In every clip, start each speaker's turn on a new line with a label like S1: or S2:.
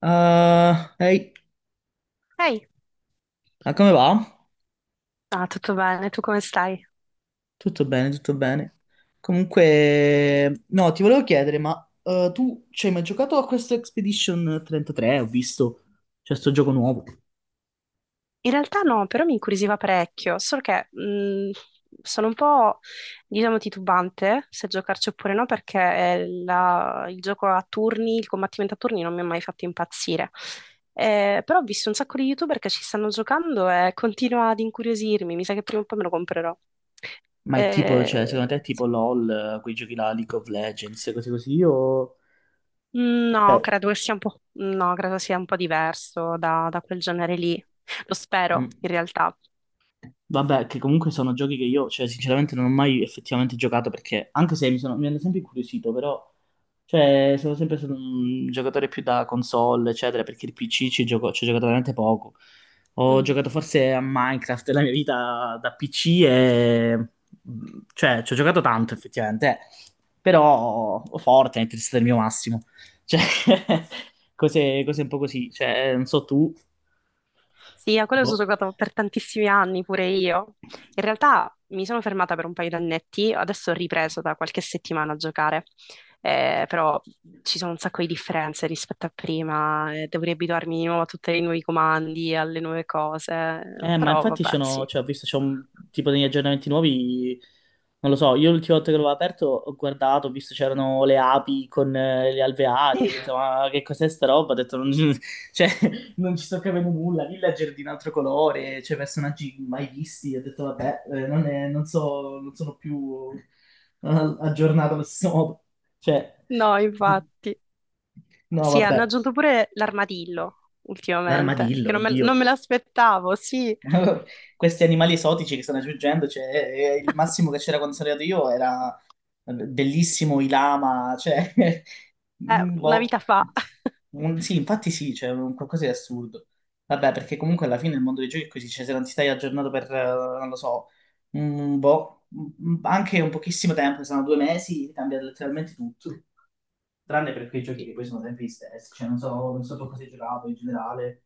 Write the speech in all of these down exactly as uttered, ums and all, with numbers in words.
S1: Ah, ehi,
S2: Ehi,
S1: ah, come va?
S2: ah, tutto bene, tu come stai?
S1: Tutto bene, tutto bene. Comunque, no, ti volevo chiedere, ma eh, tu ci hai mai giocato a questo Expedition trentatré? Ho visto, c'è sto gioco nuovo.
S2: In realtà no, però mi incuriosiva parecchio, solo che mh, sono un po', diciamo, titubante se giocarci oppure no, perché eh, la- il gioco a turni, il combattimento a turni non mi ha mai fatto impazzire. Eh, però ho visto un sacco di YouTuber che ci stanno giocando e continua ad incuriosirmi, mi sa che prima o poi me lo comprerò.
S1: Ma è tipo, cioè,
S2: Eh,
S1: secondo te è tipo
S2: sì.
S1: LOL, eh, quei giochi là, League of Legends, cose così, o...
S2: No,
S1: Eh.
S2: credo che sia un po', no, credo sia un po' diverso da, da quel genere lì. Lo
S1: Mm.
S2: spero, in realtà.
S1: Vabbè, che comunque sono giochi che io, cioè, sinceramente non ho mai effettivamente giocato perché, anche se mi sono- mi hanno sempre incuriosito, però, cioè, sono sempre stato un giocatore più da console, eccetera, perché il P C ci gioco, ci ho giocato veramente poco. Ho
S2: Mm.
S1: giocato forse a Minecraft nella mia vita da P C e... cioè, ci ho giocato tanto effettivamente, eh. Però Fortnite è stato il mio massimo. Cioè, cose, cose un po' così, cioè, non so tu,
S2: Sì, a quello ci ho
S1: boh.
S2: giocato per tantissimi anni, pure io. In realtà mi sono fermata per un paio di annetti, adesso ho ripreso da qualche settimana a giocare. Eh, però ci sono un sacco di differenze rispetto a prima, eh, devo riabituarmi di nuovo a tutti i nuovi comandi, alle nuove cose,
S1: Eh, ma
S2: però
S1: infatti
S2: vabbè,
S1: sono,
S2: sì.
S1: cioè, ho visto c'è un tipo degli aggiornamenti nuovi, non lo so, io l'ultima volta che l'avevo aperto ho guardato, ho visto c'erano le api con eh, gli alveari, ho detto ma che cos'è sta roba? Ho detto non, cioè, non ci sto capendo nulla, villager di un altro colore, cioè personaggi mai visti, ho detto vabbè, eh, non, è- non so, non sono più eh, aggiornato allo stesso modo, cioè,
S2: No, infatti.
S1: no
S2: Sì, hanno
S1: vabbè,
S2: aggiunto pure l'armadillo ultimamente, che
S1: l'armadillo,
S2: non me, non
S1: oddio.
S2: me l'aspettavo, sì,
S1: Questi animali esotici che stanno aggiungendo, cioè, eh, il massimo che c'era quando sono arrivato io era eh, bellissimo i lama, cioè,
S2: è
S1: mm,
S2: una
S1: boh.
S2: vita fa.
S1: Un- sì, infatti sì, c'è un qualcosa di assurdo. Vabbè, perché comunque alla fine il mondo dei giochi è così, cioè se non ti stai aggiornato per, eh, non lo so, un boh, un- anche un pochissimo tempo, sono due mesi, cambia letteralmente tutto. Tranne per quei giochi
S2: Sì.
S1: che poi sono sempre gli stessi, cioè non so, non so tu cosa hai giocato in generale.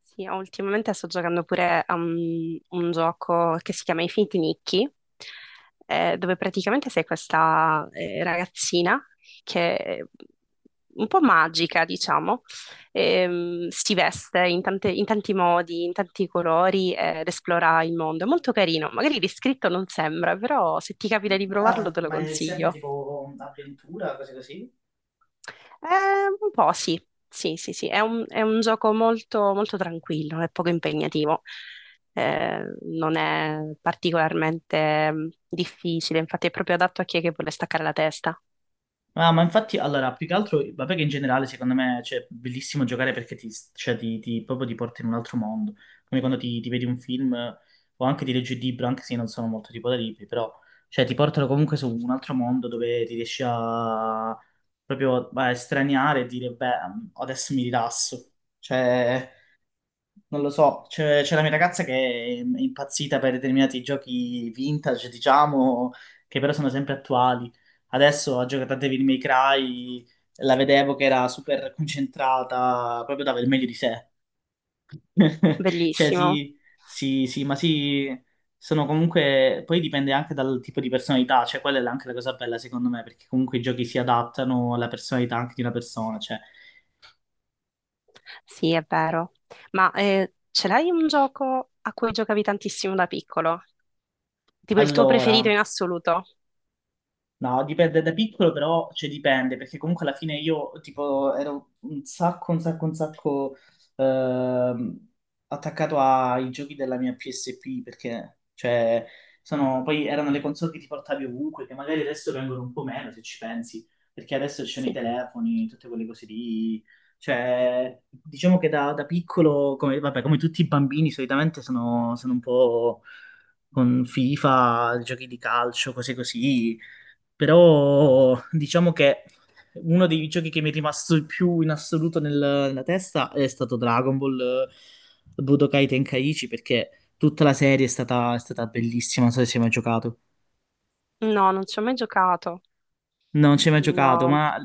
S2: Sì, ultimamente sto giocando pure a un, un gioco che si chiama Infinity Nikki, eh, dove praticamente sei questa eh, ragazzina che è un po' magica, diciamo, ehm, si veste in tante- in tanti modi, in tanti colori eh, ed esplora il mondo. È molto carino, magari descritto non sembra, però se ti capita di provarlo
S1: Ah,
S2: te lo
S1: ma è sempre
S2: consiglio.
S1: tipo avventura, cose così?
S2: Eh, un po' sì, sì, sì, sì. È un, è un gioco molto, molto tranquillo, è poco impegnativo. Eh, Non è particolarmente mm, difficile, infatti è proprio adatto a chi è che vuole staccare la testa.
S1: Ah, ma infatti, allora, più che altro, vabbè che in generale secondo me cioè, è bellissimo giocare perché ti, cioè, ti- ti- proprio ti porta in un altro mondo, come quando ti, ti vedi un film eh, o anche ti leggi un libro, anche se io non sono molto tipo da libri, però cioè, ti portano comunque su un altro mondo dove ti riesci a proprio a estraniare e dire, beh, adesso mi rilasso. Cioè, non lo so, c'è c'è la mia ragazza che è impazzita per determinati giochi vintage, diciamo, che però sono sempre attuali. Adesso ha giocato a Devil May Cry, la vedevo che era super concentrata, proprio dava il meglio di sé. Cioè,
S2: Bellissimo,
S1: sì, sì, sì, ma sì, sono comunque... Poi dipende anche dal tipo di personalità, cioè quella è anche la cosa bella secondo me, perché comunque i giochi si adattano alla personalità anche di una persona, cioè...
S2: sì, è vero. Ma eh, ce l'hai un gioco a cui giocavi tantissimo da piccolo? Tipo il tuo preferito in
S1: Allora...
S2: assoluto?
S1: No, dipende da piccolo, però cioè, dipende, perché comunque alla fine io tipo ero un sacco, un sacco, un sacco ehm, attaccato ai giochi della mia P S P, perché cioè, sono, poi erano le console che ti portavi ovunque, che magari adesso vengono un po' meno se ci pensi, perché adesso ci sono i
S2: Sì.
S1: telefoni, tutte quelle cose lì. Cioè, diciamo che da, da piccolo, come, vabbè, come tutti i bambini, solitamente sono sono un po' con FIFA, giochi di calcio, cose così. Però diciamo che uno dei giochi che mi è rimasto più in assoluto nel- nella testa è stato Dragon Ball eh, Budokai Tenkaichi perché tutta la serie è stata, è stata bellissima, non so se ci hai mai giocato.
S2: No, non ci ho mai giocato.
S1: Non ci hai mai giocato,
S2: No,
S1: ma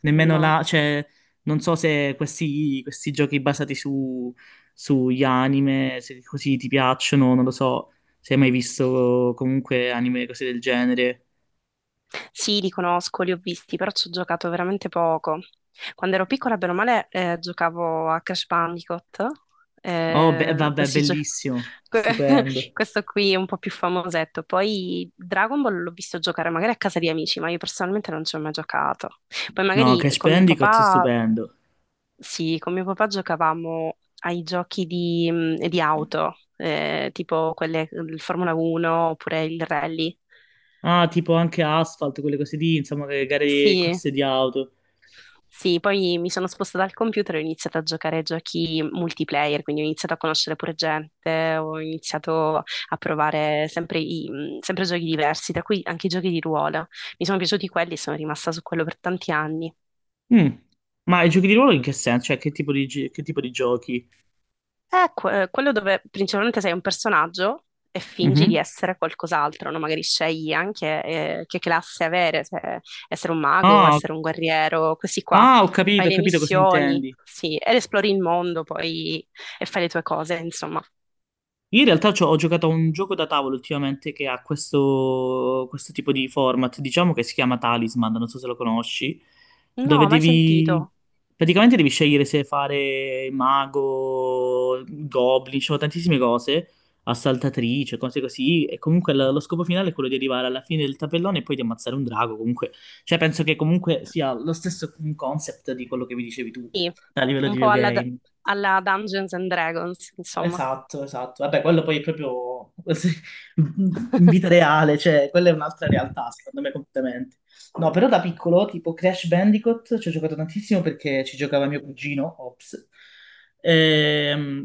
S1: nemmeno
S2: no.
S1: là, cioè, non so se questi, questi giochi basati su, sugli anime, se così ti piacciono, non lo so, se hai mai visto comunque anime, cose del genere.
S2: Sì, li conosco, li ho visti, però ci ho giocato veramente poco. Quando ero piccola, bene o male, eh, giocavo a Crash Bandicoot,
S1: Oh, be-
S2: eh,
S1: vabbè,
S2: questi gio-
S1: bellissimo,
S2: que-
S1: stupendo.
S2: questo qui è un po' più famosetto. Poi Dragon Ball l'ho visto giocare magari a casa di amici, ma io personalmente non ci ho mai giocato. Poi
S1: No,
S2: magari
S1: Crash
S2: con mio
S1: Bandicoot è
S2: papà,
S1: stupendo.
S2: sì, con mio papà giocavamo ai giochi di, mh, di auto, eh, tipo quelle del Formula uno oppure il rally.
S1: Ah, tipo anche Asphalt, quelle cose lì, insomma, le gare,
S2: Sì.
S1: corse di auto.
S2: Sì, poi mi sono spostata al computer e ho iniziato a giocare a giochi multiplayer, quindi ho iniziato a conoscere pure gente, ho iniziato a provare sempre, i- mh, sempre giochi diversi, tra cui anche i giochi di ruolo. Mi sono piaciuti quelli e sono rimasta su quello per tanti anni.
S1: Mm. Ma i giochi di ruolo in che senso? Cioè, che tipo di, gi- che tipo di giochi?
S2: È que- eh, quello dove principalmente sei un personaggio e fingi di
S1: Mhm.
S2: essere qualcos'altro, no? Magari scegli anche eh, che classe avere, se essere un mago,
S1: Ah,
S2: essere un guerriero, così qua.
S1: ah, ho
S2: Fai
S1: capito, ho
S2: le
S1: capito cosa
S2: missioni,
S1: intendi.
S2: sì, ed esplori il mondo poi e fai le tue cose, insomma.
S1: Io in realtà c'ho- ho giocato a un gioco da tavolo ultimamente che ha questo, questo tipo di format, diciamo che si chiama Talisman, non so se lo conosci, dove
S2: No, mai
S1: devi...
S2: sentito.
S1: praticamente devi scegliere se fare mago, goblin, ci sono tantissime cose, assaltatrice, cose così, e comunque lo, lo scopo finale è quello di arrivare alla fine del tabellone e poi di ammazzare un drago, comunque, cioè penso che comunque sia lo stesso concept di quello che mi dicevi tu
S2: Sì,
S1: a livello
S2: un
S1: di
S2: po' alla, D-
S1: videogame.
S2: alla Dungeons and Dragons, insomma.
S1: Esatto, esatto. Vabbè, quello poi è proprio in vita reale, cioè quella è un'altra realtà, secondo me, completamente. No, però da piccolo, tipo Crash Bandicoot, ci ho giocato tantissimo perché ci giocava mio cugino, ops. Ehm,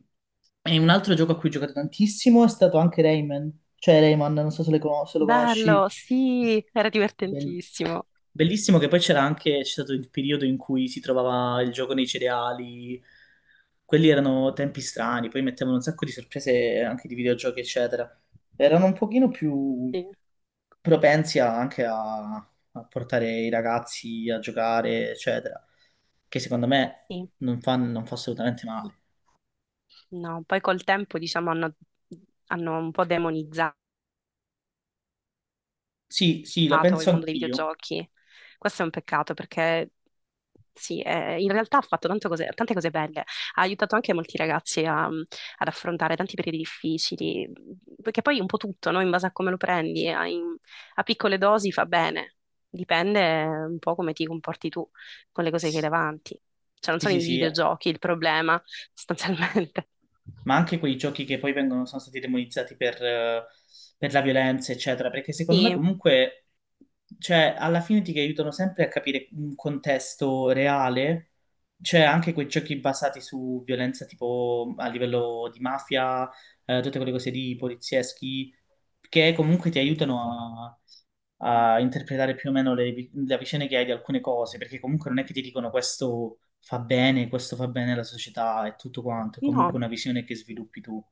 S1: E un altro gioco a cui ho giocato tantissimo è stato anche Rayman, cioè Rayman, non so se, le conos- se lo conosci.
S2: Bello, sì, era
S1: Bellissimo.
S2: divertentissimo.
S1: Bellissimo che poi c'era anche, c'è stato il periodo in cui si trovava il gioco nei cereali, quelli erano tempi strani, poi mettevano un sacco di sorprese anche di videogiochi, eccetera. Erano un pochino più
S2: Sì,
S1: propensi a- anche a, a portare i ragazzi a giocare, eccetera, che secondo me
S2: sì.
S1: non fa, non fa assolutamente male.
S2: No, poi col tempo diciamo hanno, hanno un po' demonizzato
S1: Sì, sì, la penso
S2: il mondo dei
S1: anch'io.
S2: videogiochi. Questo è un peccato perché sì, eh, in realtà ha fatto tanto cose- tante cose belle, ha aiutato anche molti ragazzi a- ad affrontare tanti periodi difficili, perché poi un po' tutto, no? In base a come lo prendi, a, in- a piccole dosi fa bene, dipende un po' come ti comporti tu con le cose che hai
S1: Sì,
S2: davanti. Cioè non sono
S1: sì,
S2: i
S1: sì.
S2: videogiochi il problema, sostanzialmente.
S1: Ma anche quei giochi che poi vengono, sono stati demonizzati per, eh, per la violenza, eccetera, perché secondo me
S2: Sì,
S1: comunque, cioè, alla fine ti aiutano sempre a capire un contesto reale, c'è anche quei giochi basati su violenza tipo a livello di mafia, eh, tutte quelle cose di polizieschi, che comunque ti aiutano a, a interpretare più o meno le, vi- le vicende che hai di alcune cose, perché comunque non è che ti dicono questo fa bene, questo fa bene alla società e tutto quanto, è comunque
S2: no,
S1: una visione che sviluppi tu.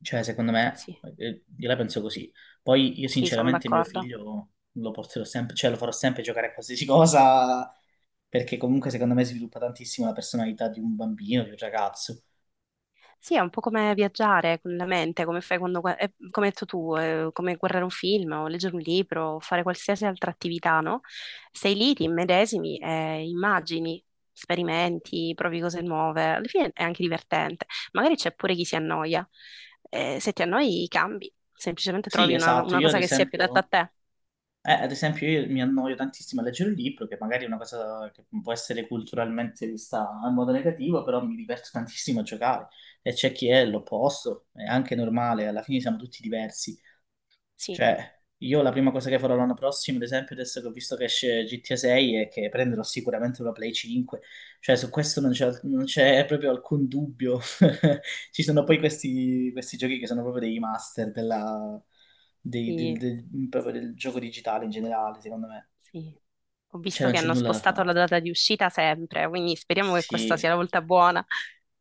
S1: Cioè, secondo me,
S2: sì.
S1: eh, io la penso così. Poi io
S2: Sì, sono
S1: sinceramente mio
S2: d'accordo.
S1: figlio lo porterò sempre, cioè lo farò sempre giocare a qualsiasi cosa, perché comunque secondo me sviluppa tantissimo la personalità di un bambino, di un ragazzo.
S2: Sì, è un po' come viaggiare con la mente, come fai quando, gua- eh, come hai detto tu, eh, come guardare un film o leggere un libro o fare qualsiasi altra attività, no? Sei lì, ti immedesimi, e immagini, sperimenti, provi cose nuove. Alla fine è anche divertente. Magari c'è pure chi si annoia. Eh, se ti annoi, cambi. Semplicemente
S1: Sì,
S2: trovi una,
S1: esatto,
S2: una
S1: io ad
S2: cosa che sia più adatta a
S1: esempio...
S2: te.
S1: Eh, ad esempio, io mi annoio tantissimo a leggere un libro, che magari è una cosa che può essere culturalmente vista in modo negativo, però mi diverto tantissimo a giocare. E c'è chi è l'opposto, è anche normale, alla fine siamo tutti diversi.
S2: Sì,
S1: Cioè, io la prima cosa che farò l'anno prossimo, ad esempio, adesso che ho visto che esce G T A sei, è che prenderò sicuramente una Play cinque. Cioè, su questo non c'è, non c'è proprio alcun dubbio. Ci sono poi questi, questi giochi che sono proprio dei master della- dei- del,
S2: sì,
S1: del- proprio del gioco digitale in generale, secondo me.
S2: sì. Ho
S1: Cioè,
S2: visto
S1: non
S2: che
S1: c'è
S2: hanno
S1: nulla da
S2: spostato la
S1: fare.
S2: data di uscita sempre, quindi speriamo che questa
S1: Sì.
S2: sia la volta buona.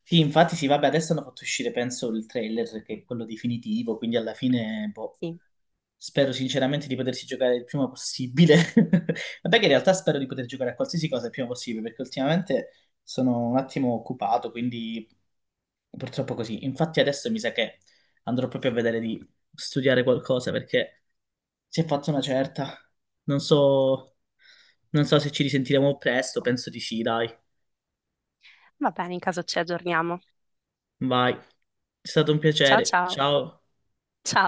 S1: Sì, infatti, sì, vabbè, adesso hanno fatto uscire, penso, il trailer, che è quello definitivo, quindi alla fine, boh.
S2: Sì.
S1: Spero sinceramente di potersi giocare il prima possibile. Vabbè che in realtà spero di poter giocare a qualsiasi cosa il prima possibile, perché ultimamente sono un attimo occupato, quindi purtroppo così. Infatti adesso mi sa che andrò proprio a vedere di studiare qualcosa, perché si è fatta una certa. Non so, non so se ci risentiremo presto, penso di sì, dai.
S2: Va bene, in caso ci aggiorniamo.
S1: Vai. È stato un
S2: Ciao
S1: piacere.
S2: ciao.
S1: Ciao.
S2: Ciao.